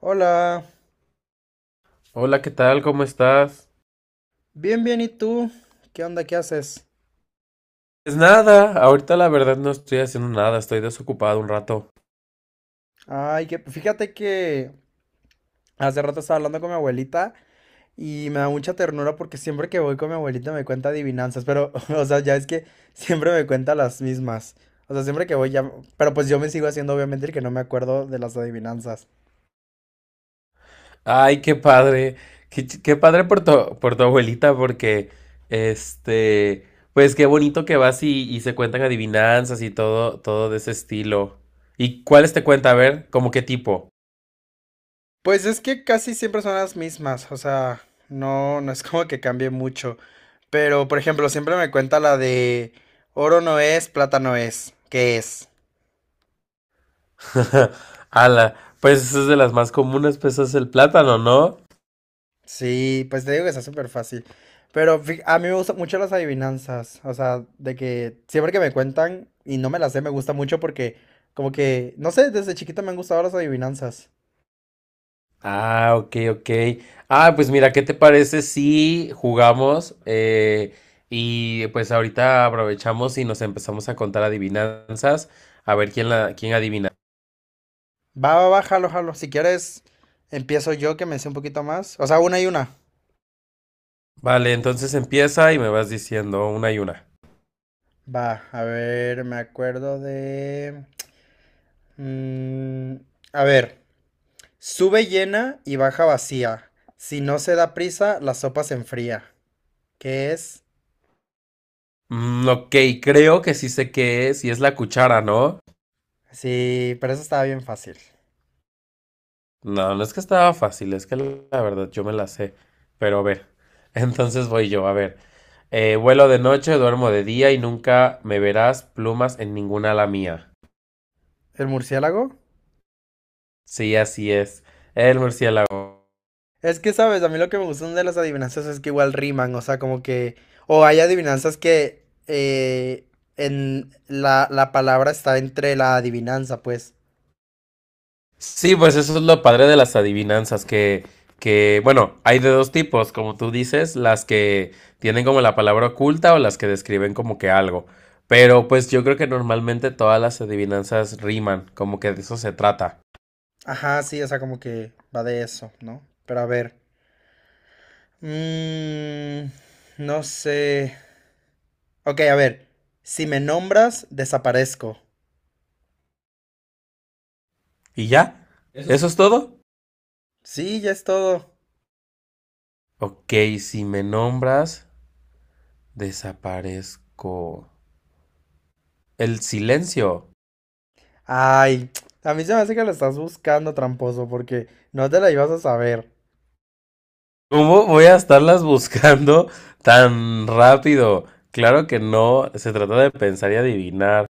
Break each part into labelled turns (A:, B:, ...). A: Hola,
B: Hola, ¿qué tal? ¿Cómo estás?
A: bien, bien, ¿y tú? ¿Qué onda? ¿Qué haces?
B: Pues nada, ahorita la verdad no estoy haciendo nada, estoy desocupado un rato.
A: Ay, que fíjate que hace rato estaba hablando con mi abuelita y me da mucha ternura porque siempre que voy con mi abuelita me cuenta adivinanzas, pero, o sea, ya es que siempre me cuenta las mismas. O sea, siempre que voy ya, pero pues yo me sigo haciendo obviamente el que no me acuerdo de las adivinanzas.
B: Ay, qué padre, qué padre por por tu abuelita, porque, este, pues qué bonito que vas y se cuentan adivinanzas y todo de ese estilo. ¿Y cuáles te cuenta? A ver, ¿cómo qué tipo?
A: Pues es que casi siempre son las mismas, o sea, no es como que cambie mucho. Pero, por ejemplo, siempre me cuenta la de oro no es, plata no es, ¿qué es?
B: Ala, pues es de las más comunes, pues es el plátano, ¿no?
A: Sí, pues te digo que está súper fácil. Pero a mí me gustan mucho las adivinanzas. O sea, de que siempre que me cuentan y no me las sé, me gusta mucho porque, como que, no sé, desde chiquito me han gustado las adivinanzas.
B: Ah, ok, ok. Ah, pues mira, ¿qué te parece si jugamos y pues ahorita aprovechamos y nos empezamos a contar adivinanzas, a ver quién adivina.
A: Va, va, va, jalo, jalo. Si quieres, empiezo yo que me sé un poquito más. O sea, una y una.
B: Vale, entonces empieza y me vas diciendo una y una.
A: Va, a ver, me acuerdo de. Mm, a ver, sube llena y baja vacía. Si no se da prisa, la sopa se enfría. ¿Qué es?
B: Mm, ok, creo que sí sé qué es y es la cuchara, ¿no?
A: Sí, pero eso estaba bien fácil.
B: No, no es que estaba fácil, es que la verdad yo me la sé. Pero a ver, entonces voy yo, a ver. Vuelo de noche, duermo de día y nunca me verás plumas en ninguna ala mía.
A: ¿El murciélago?
B: Sí, así es. El murciélago.
A: Es que, ¿sabes? A mí lo que me gustan de las adivinanzas es que igual riman, o sea, como que... O hay adivinanzas que en la palabra está entre la adivinanza, pues.
B: Sí, pues eso es lo padre de las adivinanzas, que bueno, hay de dos tipos, como tú dices, las que tienen como la palabra oculta o las que describen como que algo. Pero pues yo creo que normalmente todas las adivinanzas riman, como que de eso se trata.
A: Ajá, sí, o sea, como que va de eso, ¿no? Pero a ver. mm, no sé. Ok, a ver. Si me nombras, desaparezco.
B: ¿Y ya?
A: Es-
B: ¿Eso es todo?
A: Sí, ya es todo.
B: Ok, si me nombras, desaparezco. El silencio.
A: Ay, a mí se me hace que lo estás buscando, tramposo, porque no te la ibas a saber.
B: ¿Cómo voy a estarlas buscando tan rápido? Claro que no, se trata de pensar y adivinar.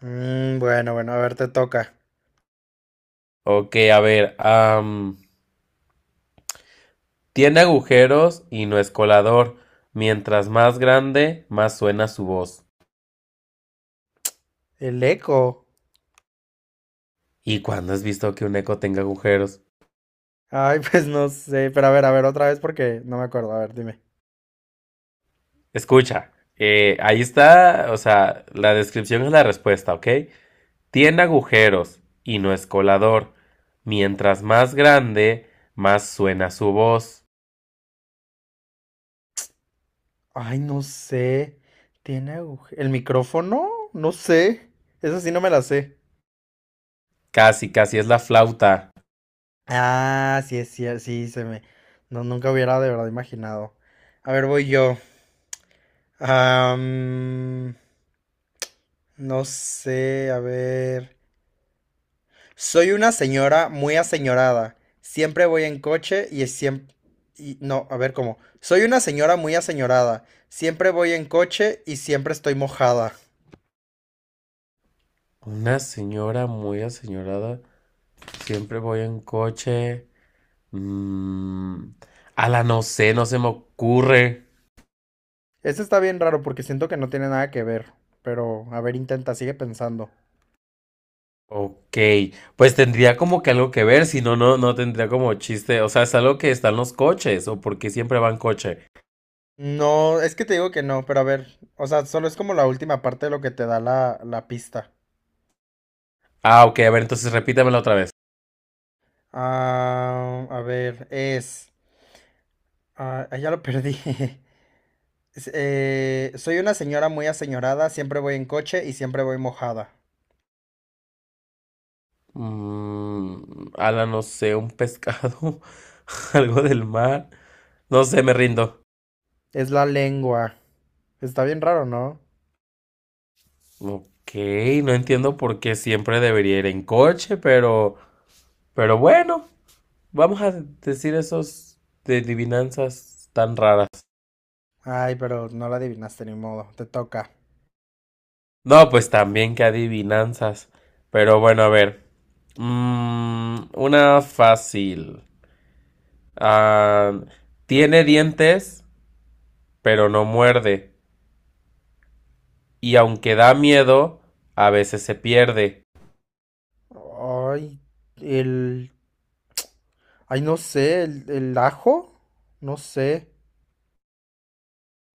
A: Mm, bueno, bueno, a ver, te toca.
B: Ok, a ver, tiene agujeros y no es colador. Mientras más grande, más suena su voz.
A: El eco.
B: ¿Y cuándo has visto que un eco tenga agujeros?
A: Ay, pues no sé. Pero a ver, otra vez porque no me acuerdo. A ver, dime.
B: Escucha, ahí está, o sea, la descripción es la respuesta, ¿ok? Tiene agujeros y no es colador. Mientras más grande, más suena su voz.
A: Ay, no sé. ¿El micrófono? No sé. Eso sí no me la sé.
B: Casi, casi es la flauta.
A: Ah, sí, es cierto. Sí, se me. No, nunca hubiera de verdad imaginado. A ver, voy yo. Am, no sé, a ver. Soy una señora muy aseñorada. Siempre voy en coche y siempre... no, a ver cómo. Soy una señora muy aseñorada. Siempre voy en coche y siempre estoy mojada.
B: Una señora muy aseñorada. Siempre voy en coche. Mm, a la no sé, no se me ocurre.
A: Este está bien raro porque siento que no tiene nada que ver. Pero, a ver, intenta, sigue pensando.
B: Ok, pues tendría como que algo que ver, si no, no tendría como chiste. O sea, es algo que está en los coches, o porque siempre va en coche.
A: No, es que te digo que no, pero a ver. O sea, solo es como la última parte de lo que te da la, la pista.
B: Ah, ok, a ver, entonces repítamelo otra vez.
A: Ah, a ver, es... Ah, ah, ya lo perdí. Soy una señora muy aseñorada, siempre voy en coche y siempre voy mojada.
B: Mm, a la no sé, un pescado, algo del mar. No sé, me rindo.
A: Es la lengua. Está bien raro, ¿no?
B: Ok, no entiendo por qué siempre debería ir en coche, pero bueno, vamos a decir esos de adivinanzas tan raras.
A: Ay, pero no la adivinaste ni modo, te toca.
B: No, pues también que adivinanzas. Pero bueno, a ver. Mm, una fácil. Ah, tiene dientes, pero no muerde. Y aunque da miedo, a veces se pierde.
A: Ay, el... Ay, no sé, el ajo, no sé.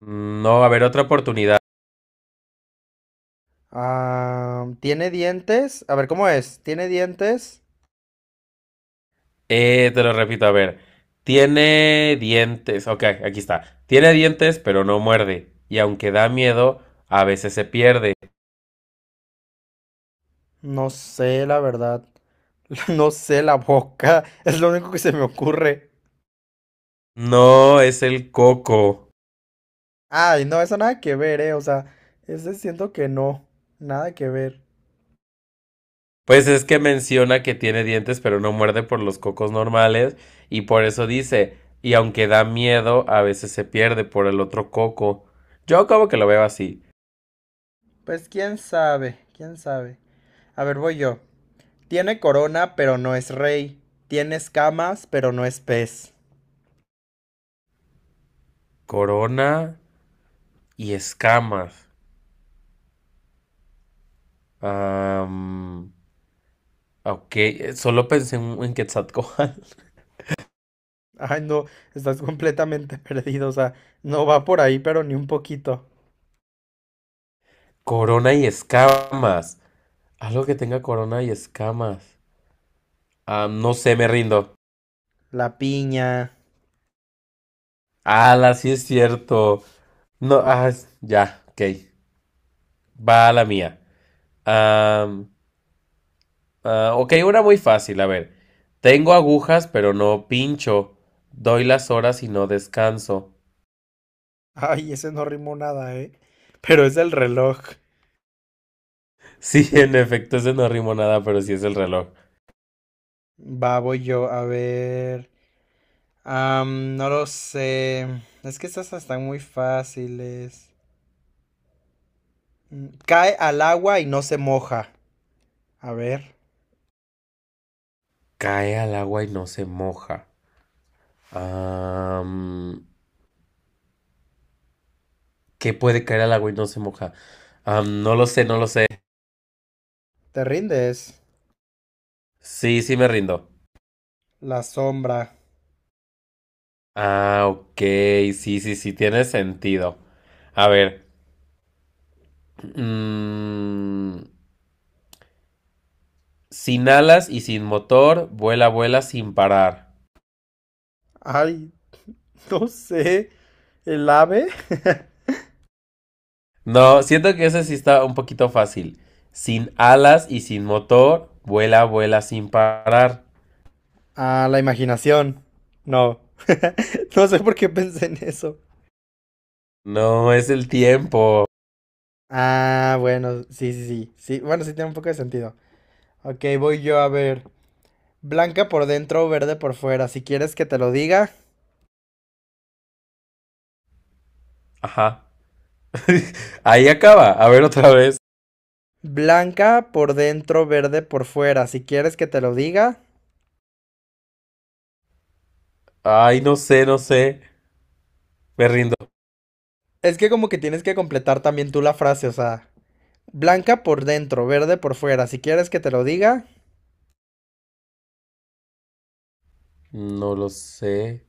B: Mm, no, a ver, otra oportunidad.
A: Ah, ¿tiene dientes? A ver, ¿cómo es? ¿Tiene dientes?
B: Te lo repito, a ver. Tiene dientes. Ok, aquí está. Tiene dientes, pero no muerde. Y aunque da miedo, a veces se pierde.
A: No sé, la verdad. No sé, la boca. Es lo único que se me ocurre.
B: No, es el coco.
A: Ay, no, eso nada que ver, eh. O sea, ese siento que no. Nada que ver.
B: Pues es que menciona que tiene dientes, pero no muerde por los cocos normales. Y por eso dice, y aunque da miedo, a veces se pierde por el otro coco. Yo como que lo veo así.
A: Pues quién sabe, quién sabe. A ver, voy yo. Tiene corona, pero no es rey. Tiene escamas, pero no es pez.
B: Corona y escamas. Am, ok, solo pensé en Quetzalcóatl.
A: Ay, no, estás completamente perdido. O sea, no va por ahí, pero ni un poquito.
B: Corona y escamas. Algo que tenga corona y escamas. Ah, no sé, me rindo.
A: La piña.
B: Ala, sí es cierto. No, ah, es- ya, ok. Va a la mía. Am, ah, ok, una muy fácil, a ver. Tengo agujas, pero no pincho. Doy las horas y no descanso.
A: Ay, ese no rimó nada, eh. Pero es el reloj.
B: Sí, en efecto, ese no rimo nada, pero sí es el reloj.
A: Va, voy yo, a ver. No lo sé. Es que estas están muy fáciles. Cae al agua y no se moja. A ver,
B: Cae al agua y no se moja. Am, ¿qué puede caer al agua y no se moja? Am, no lo sé, no lo sé.
A: te rindes.
B: Sí, sí me rindo.
A: La sombra.
B: Ah, ok, sí, sí, sí, tiene sentido. A ver, mm, sin alas y sin motor, vuela, vuela sin parar.
A: Ay, no sé. ¿El ave?
B: No, siento que ese sí está un poquito fácil. Sin alas y sin motor, vuela, vuela sin parar.
A: ah, la imaginación. No. no sé por qué pensé en eso.
B: No, es el tiempo.
A: Ah, bueno, sí, sí, sí. Sí, bueno, sí tiene un poco de sentido. Ok, voy yo a ver. Blanca por dentro, verde por fuera. Si quieres que te lo diga.
B: Ajá. Ahí acaba. A ver otra vez.
A: Blanca por dentro, verde por fuera. Si quieres que te lo diga.
B: Ay, no sé, no sé. Me rindo.
A: Es que como que tienes que completar también tú la frase, o sea, Blanca por dentro, verde por fuera. Si quieres que te lo diga,
B: No lo sé.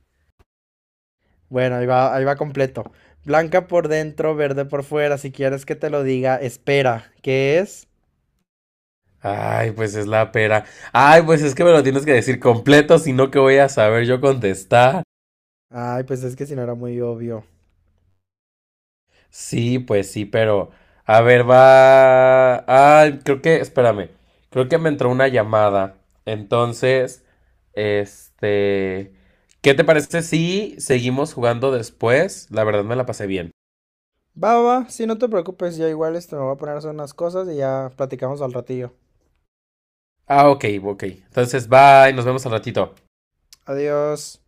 A: bueno, ahí va completo. Blanca por dentro, verde por fuera. Si quieres que te lo diga, espera. ¿Qué es?
B: Ay, pues es la pera. Ay, pues es que me lo tienes que decir completo, si no, que voy a saber yo contestar?
A: Ay, pues es que si no era muy obvio.
B: Sí, pues sí, pero. A ver, va. Ay, creo que. Espérame. Creo que me entró una llamada. Entonces, este. ¿Qué te parece si seguimos jugando después? La verdad me la pasé bien.
A: Va, va, si sí, no te preocupes, yo igual esto me voy a poner a hacer unas cosas y ya platicamos al ratillo.
B: Ah, ok, ok. Entonces, bye, nos vemos al ratito.
A: Adiós.